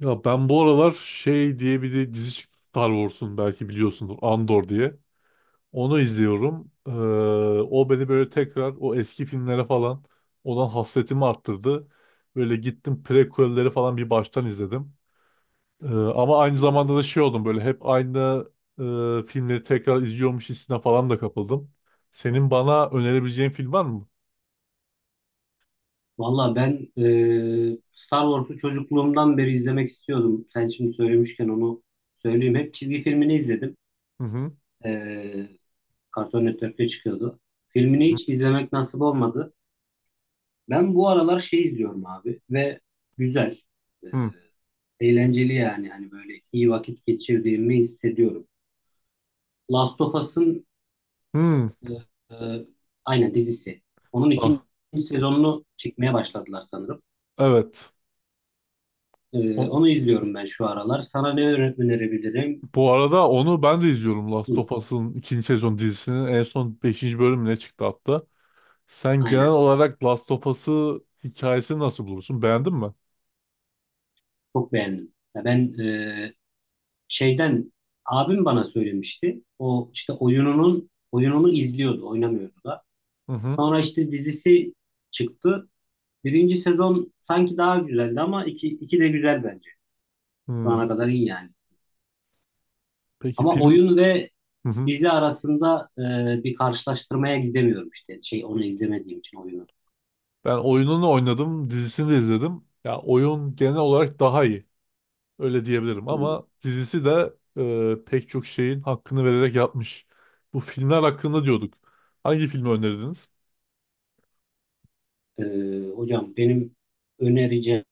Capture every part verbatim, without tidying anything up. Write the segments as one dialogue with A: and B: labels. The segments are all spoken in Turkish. A: Ya ben bu aralar şey diye bir de dizi çıktı Star Wars'un, belki biliyorsundur, Andor diye. Onu izliyorum. Ee, o beni böyle tekrar o eski filmlere falan olan hasretimi arttırdı. Böyle gittim prequel'leri falan bir baştan izledim. Ee, ama aynı
B: Hmm.
A: zamanda da şey oldum, böyle hep aynı e, filmleri tekrar izliyormuş hissine falan da kapıldım. Senin bana önerebileceğin film var mı?
B: Valla ben e, Star Wars'u çocukluğumdan beri izlemek istiyordum. Sen şimdi söylemişken onu söyleyeyim. Hep çizgi filmini izledim.
A: Hı hı.
B: E, Cartoon Network'te çıkıyordu. Filmini hiç izlemek nasip olmadı. Ben bu aralar şey izliyorum abi ve güzel. E,
A: Hı
B: Eğlenceli yani. Hani böyle iyi vakit geçirdiğimi hissediyorum. Last of Us'ın
A: hı. Hı.
B: e, e, aynen dizisi. Onun ikinci
A: Ah,
B: sezonunu çekmeye başladılar sanırım.
A: evet.
B: Ee, onu izliyorum ben şu aralar. Sana ne öne- önerebilirim?
A: Bu arada onu ben de izliyorum, Last
B: Hı,
A: of Us'ın ikinci sezon dizisinin en son beşinci bölümüne çıktı hatta. Sen genel
B: aynen.
A: olarak Last of Us'ı, hikayesini nasıl bulursun? Beğendin mi?
B: Çok beğendim. Ya ben e, şeyden abim bana söylemişti. O işte oyununun oyununu izliyordu, oynamıyordu da.
A: Hı hı.
B: Sonra işte dizisi çıktı. Birinci sezon sanki daha güzeldi ama iki, iki de güzel bence. Şu
A: Hı.
B: ana kadar iyi yani.
A: Peki
B: Ama
A: film...
B: oyun ve
A: Hı hı.
B: dizi arasında e, bir karşılaştırmaya gidemiyorum işte. Şey onu izlemediğim için oyunu.
A: Ben oyununu oynadım, dizisini de izledim. Ya oyun genel olarak daha iyi. Öyle diyebilirim,
B: Hı.
A: ama dizisi de e, pek çok şeyin hakkını vererek yapmış. Bu filmler hakkında diyorduk. Hangi filmi önerdiniz?
B: Ee, hocam benim önereceğim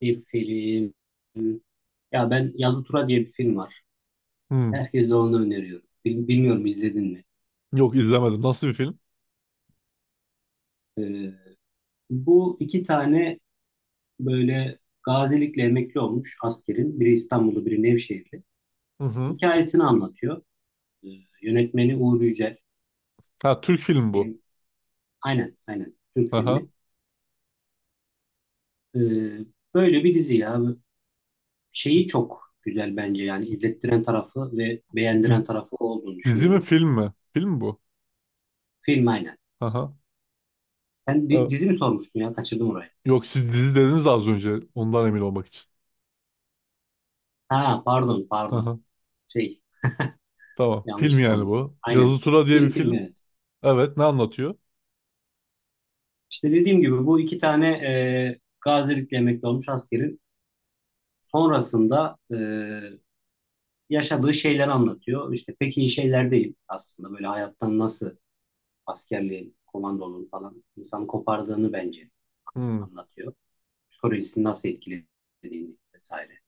B: bir film. Ya ben Yazı Tura diye bir film var.
A: Hı.
B: Herkese onu öneriyorum. Bil- Bilmiyorum izledin mi?
A: Yok, izlemedim. Nasıl bir film?
B: Ee, Bu iki tane böyle gazilikle emekli olmuş askerin. Biri İstanbul'da, biri Nevşehir'de.
A: Hı hı.
B: Hikayesini anlatıyor. Ee, Yönetmeni Uğur Yücel.
A: Ha, Türk filmi bu.
B: Benim, aynen, aynen. Türk
A: Aha.
B: filmi. Ee, Böyle bir dizi ya. Şeyi çok güzel bence yani izlettiren tarafı ve beğendiren
A: Diz-
B: tarafı olduğunu
A: Dizi mi,
B: düşünüyorum.
A: film mi? Film mi bu?
B: Film aynen.
A: Aha.
B: Sen di-
A: Evet.
B: dizi mi sormuştun ya? Kaçırdım orayı.
A: Yok, siz dizi dediniz az önce. Ondan emin olmak için.
B: Ha pardon pardon.
A: Aha.
B: Şey
A: Tamam.
B: yanlış
A: Film yani
B: olmuş.
A: bu,
B: Aynen.
A: Yazı Tura diye bir
B: Film film
A: film.
B: evet.
A: Evet, ne anlatıyor?
B: İşte dediğim gibi bu iki tane e, gazilikle emekli olmuş askerin sonrasında e, yaşadığı şeyleri anlatıyor. İşte pek iyi şeyler değil aslında. Böyle hayattan nasıl askerliğin, komandonun falan insanı kopardığını bence
A: Hmm.
B: anlatıyor. Psikolojisini nasıl etkilediğini vesaire.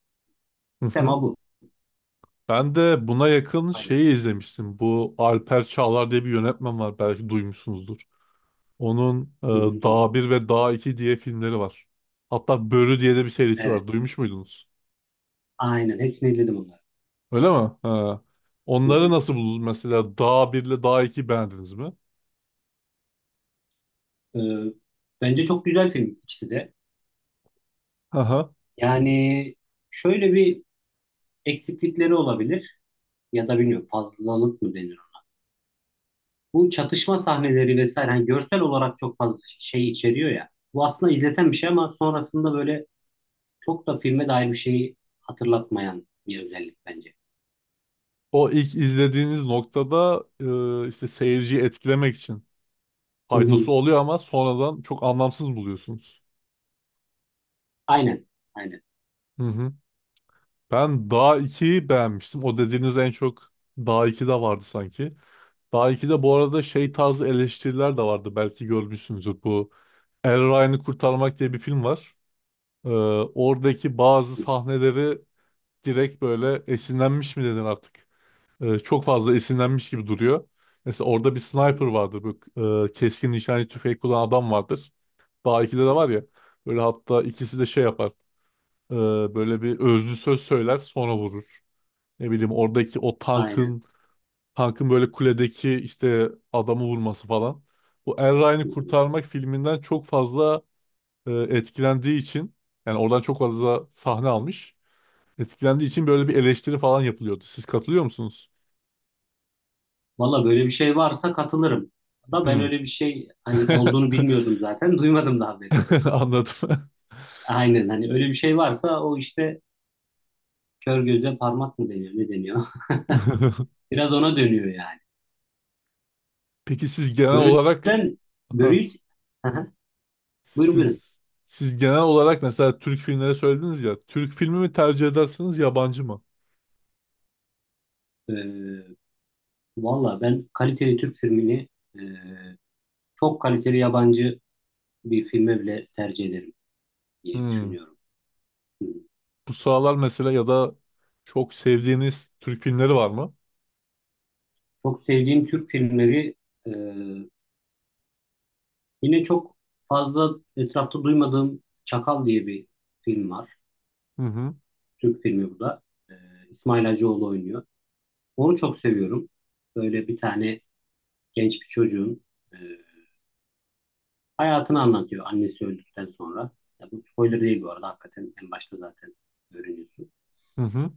A: Hı hı.
B: Tema bu.
A: Ben de buna yakın
B: Aynen.
A: şeyi izlemiştim. Bu Alper Çağlar diye bir yönetmen var, belki duymuşsunuzdur. Onun e,
B: Hı hı, duydum.
A: Dağ bir ve Dağ iki diye filmleri var. Hatta Börü diye de bir serisi
B: Evet.
A: var. Duymuş muydunuz?
B: Aynen. Hepsini izledim onları.
A: Öyle mi? Ha.
B: Hı
A: Onları
B: hı.
A: nasıl buldunuz mesela? Dağ bir ile Dağ iki beğendiniz mi?
B: E, Bence çok güzel film ikisi de. Yani şöyle bir eksiklikleri olabilir ya da bilmiyorum fazlalık mı denir? Bu çatışma sahneleri vesaire hani görsel olarak çok fazla şey içeriyor ya. Bu aslında izleten bir şey ama sonrasında böyle çok da filme dair bir şeyi hatırlatmayan bir özellik bence.
A: O ilk izlediğiniz noktada e, işte seyirciyi etkilemek için
B: Hı
A: faydası
B: hı.
A: oluyor, ama sonradan çok anlamsız buluyorsunuz.
B: Aynen. Aynen.
A: Hı hı. Ben Dağ ikiyi beğenmiştim. O dediğiniz en çok Dağ ikide vardı sanki. Dağ ikide bu arada şey tarzı eleştiriler de vardı, belki görmüşsünüzdür bu. Er Ryan'ı Kurtarmak diye bir film var. E, oradaki bazı
B: Hı hı.
A: sahneleri direkt böyle esinlenmiş mi dedin artık? E, çok fazla esinlenmiş gibi duruyor. Mesela orada bir sniper vardır, bu e, keskin nişancı tüfeği kullanan adam vardır. Daha ikide de
B: Hı hı.
A: var ya. Böyle hatta ikisi de şey yapar, e, böyle bir özlü söz söyler, sonra vurur. Ne bileyim, oradaki o
B: Aynen.
A: tankın tankın böyle kuledeki işte adamı vurması falan. Bu Er Ryan'ı
B: Hı hı.
A: Kurtarmak filminden çok fazla e, etkilendiği için, yani oradan çok fazla sahne almış. Etkilendiği için böyle bir eleştiri falan yapılıyordu. Siz katılıyor musunuz?
B: Valla böyle bir şey varsa katılırım. Da ben
A: Hmm.
B: öyle bir şey hani olduğunu bilmiyordum zaten. Duymadım daha beri.
A: Anladım.
B: Aynen hani öyle bir şey varsa o işte kör göze parmak mı deniyor? Ne deniyor? Biraz ona dönüyor yani.
A: Peki siz genel olarak...
B: Börüden
A: Aha,
B: börüyü. Hı hı. Buyurun buyurun.
A: siz siz genel olarak mesela Türk filmleri söylediniz ya, Türk filmi mi tercih edersiniz, yabancı mı?
B: Ee, Valla ben kaliteli Türk filmini e, çok kaliteli yabancı bir filme bile tercih ederim diye
A: Hmm.
B: düşünüyorum. Hı.
A: Bu sıralar mesela, ya da çok sevdiğiniz Türk filmleri var mı?
B: Çok sevdiğim Türk filmleri e, yine çok fazla etrafta duymadığım Çakal diye bir film var.
A: Hı hı.
B: Türk filmi bu da. Ee, İsmail Hacıoğlu oynuyor. Onu çok seviyorum. Böyle bir tane genç bir çocuğun e, hayatını anlatıyor annesi öldükten sonra. Ya bu spoiler değil bu arada. Hakikaten en başta zaten öğreniyorsun.
A: Hı hı.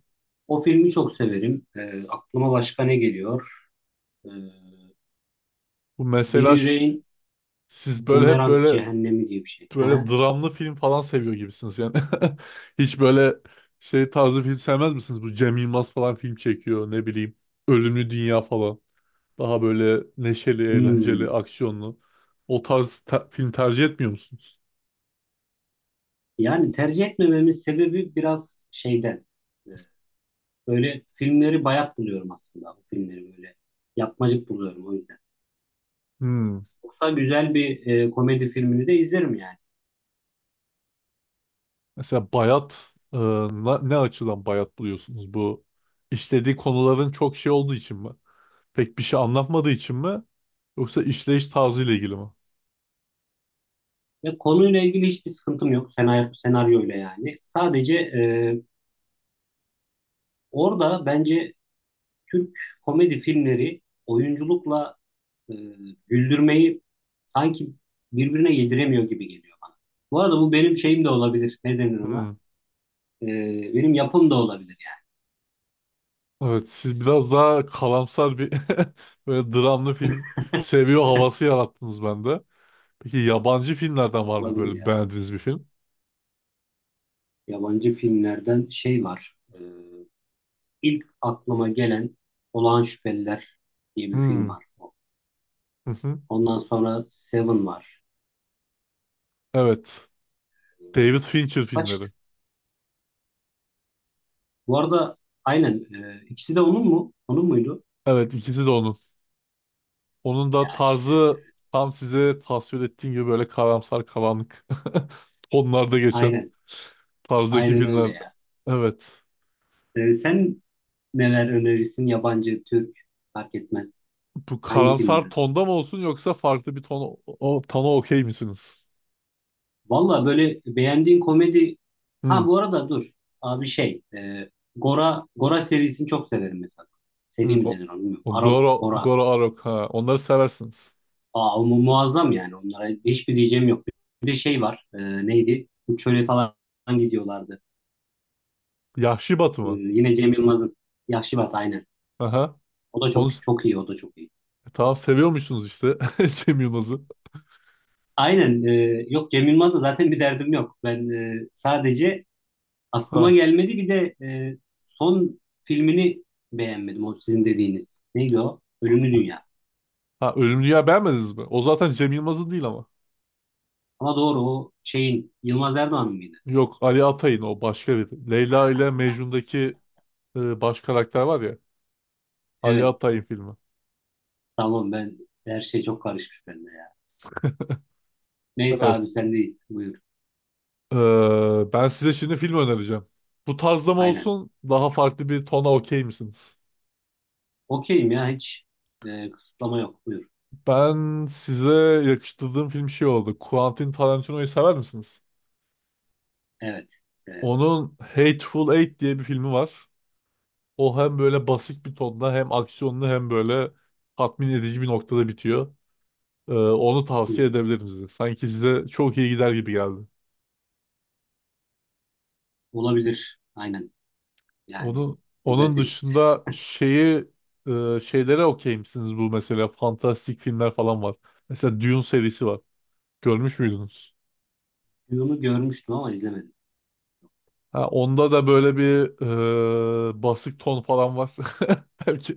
B: O filmi çok severim. Ee, aklıma başka ne geliyor? Ee,
A: Bu
B: Deli
A: mesela ş-
B: Yüreğin
A: siz böyle hep
B: Bumerang
A: böyle
B: Cehennemi diye bir şey. Hı
A: böyle
B: hı.
A: dramlı film falan seviyor gibisiniz yani. Hiç böyle şey tarzı film sevmez misiniz? Bu Cem Yılmaz falan film çekiyor, ne bileyim. Ölümlü Dünya falan. Daha böyle neşeli, eğlenceli,
B: Hmm.
A: aksiyonlu. O tarz te- film tercih etmiyor musunuz?
B: Yani tercih etmememin sebebi biraz şeyden. Ee, Böyle filmleri bayat buluyorum aslında. Bu filmleri böyle yapmacık buluyorum o yüzden.
A: Hmm.
B: Yoksa güzel bir e, komedi filmini de izlerim yani.
A: Mesela bayat, e, na- ne açıdan bayat buluyorsunuz? Bu işlediği konuların çok şey olduğu için mi? Pek bir şey anlatmadığı için mi? Yoksa işleyiş tarzıyla ilgili mi?
B: Ve konuyla ilgili hiçbir sıkıntım yok senaryo, senaryoyla yani. Sadece e, orada bence Türk komedi filmleri oyunculukla e, güldürmeyi sanki birbirine yediremiyor gibi geliyor bana. Bu arada bu benim şeyim de olabilir. Ne denir
A: Hmm.
B: ona? E, Benim yapım da olabilir yani.
A: Evet, siz biraz daha kalamsar bir böyle dramlı film seviyor havası yarattınız bende. Peki yabancı filmlerden var mı
B: Olabilir
A: böyle
B: ya.
A: beğendiğiniz bir film?
B: Yabancı filmlerden şey var. E, ilk aklıma gelen Olağan Şüpheliler diye bir film
A: Hmm.
B: var.
A: Hı hı.
B: Ondan sonra Seven var.
A: Evet. David Fincher
B: Kaç
A: filmleri.
B: Bu arada aynen, e, ikisi de onun mu? Onun muydu?
A: Evet, ikisi de onun. Onun
B: Ya
A: da
B: işte
A: tarzı tam size tasvir ettiğim gibi, böyle karamsar, karanlık tonlarda geçen
B: aynen.
A: tarzdaki
B: Aynen öyle
A: filmler.
B: ya.
A: Evet.
B: E, sen neler önerirsin? Yabancı, Türk fark etmez.
A: Bu
B: Hangi
A: karamsar
B: filmleri?
A: tonda mı olsun, yoksa farklı bir ton, o tona okey misiniz?
B: Valla böyle beğendiğin komedi, ha
A: Hı,
B: bu arada dur. Abi şey e, Gora Gora serisini çok severim mesela. Seri
A: hı,
B: mi
A: o,
B: denir onu bilmiyorum.
A: o
B: Arok
A: Goro
B: Gora.
A: Goro Arok, ha, onları seversiniz.
B: Aa, mu- muazzam yani. Onlara hiçbir diyeceğim yok. Bir de şey var. E, neydi? Uçöre falan gidiyorlardı.
A: Yahşi Batı
B: E,
A: mı?
B: yine Cem Yılmaz'ın Yahşi Batı aynen.
A: Aha.
B: O da
A: Onu
B: çok
A: s-
B: çok iyi, o da çok iyi.
A: e, tamam, seviyormuşsunuz işte, Cem Yılmaz'ı.
B: Aynen. E, yok Cem Yılmaz'la zaten bir derdim yok. Ben e, sadece aklıma
A: Ha.
B: gelmedi. Bir de e, son filmini beğenmedim. O sizin dediğiniz. Neydi o? Ölümlü Dünya.
A: Ha, Ölümlü Dünya beğenmediniz mi? O zaten Cem Yılmaz'ın değil ama.
B: Ama doğru o şeyin Yılmaz Erdoğan mıydı?
A: Yok, Ali Atay'ın, o başka bir. Leyla ile Mecnun'daki e, baş karakter var ya, Ali
B: Evet.
A: Atay'ın filmi.
B: Tamam ben her şey çok karışmış bende ya. Neyse
A: Evet.
B: abi sendeyiz. Buyur.
A: Ee, ben size şimdi film önereceğim. Bu tarzda mı
B: Aynen.
A: olsun, daha farklı bir tona okey misiniz?
B: Okeyim ya hiç e, kısıtlama yok. Buyur.
A: Ben size yakıştırdığım film şey oldu, Quentin Tarantino'yu sever misiniz?
B: Evet, severim.
A: Onun Hateful Eight diye bir filmi var. O hem böyle basit bir tonda, hem aksiyonlu, hem böyle tatmin edici bir noktada bitiyor. Ee, onu
B: Hı hı.
A: tavsiye edebilirim size, sanki size çok iyi gider gibi geldi.
B: Olabilir. Aynen. Yani
A: Onun
B: güzel
A: onun
B: tespit.
A: dışında şeyi e, şeylere okey misiniz, bu mesela fantastik filmler falan var. Mesela Dune serisi var, görmüş müydünüz?
B: Bunu görmüştüm ama izlemedim.
A: Ha, onda da böyle bir e, basık ton falan var. Belki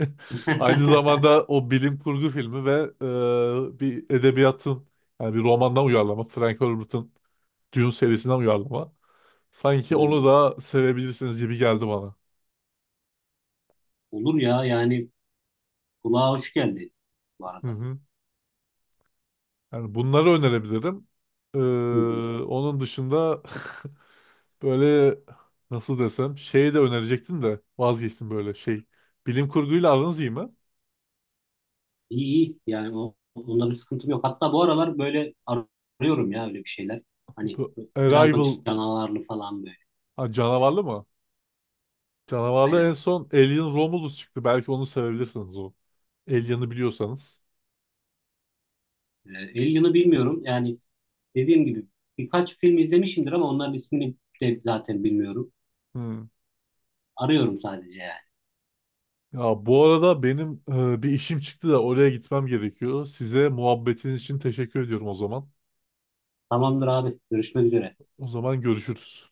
A: aynı zamanda o bilim kurgu filmi ve e, bir edebiyatın yani bir romandan uyarlama. Frank Herbert'ın Dune serisinden uyarlama. Sanki onu
B: Hmm,
A: da sevebilirsiniz gibi geldi bana.
B: olur ya yani kulağa hoş geldi bu
A: Hı
B: arada.
A: hı. Yani bunları önerebilirim. Ee,
B: Hı hı.
A: onun dışında böyle nasıl desem, şey de önerecektim de vazgeçtim böyle şey. Bilim kurguyla aranız iyi mi?
B: İyi iyi yani o, onda bir sıkıntım yok. Hatta bu aralar böyle ar- arıyorum ya öyle bir şeyler. Hani
A: Bu
B: biraz da
A: Arrival...
B: canavarlı falan böyle.
A: Ha, canavarlı mı? Canavarlı en
B: Aynen.
A: son Alien Romulus çıktı, belki onu sevebilirsiniz o. Alien'ı biliyorsanız.
B: Ee, Alien'ı bilmiyorum yani dediğim gibi birkaç film izlemişimdir ama onların ismini de zaten bilmiyorum.
A: Hmm.
B: Arıyorum sadece yani.
A: Ya bu arada benim e, bir işim çıktı da oraya gitmem gerekiyor. Size muhabbetiniz için teşekkür ediyorum o zaman.
B: Tamamdır abi görüşmek üzere.
A: O zaman görüşürüz.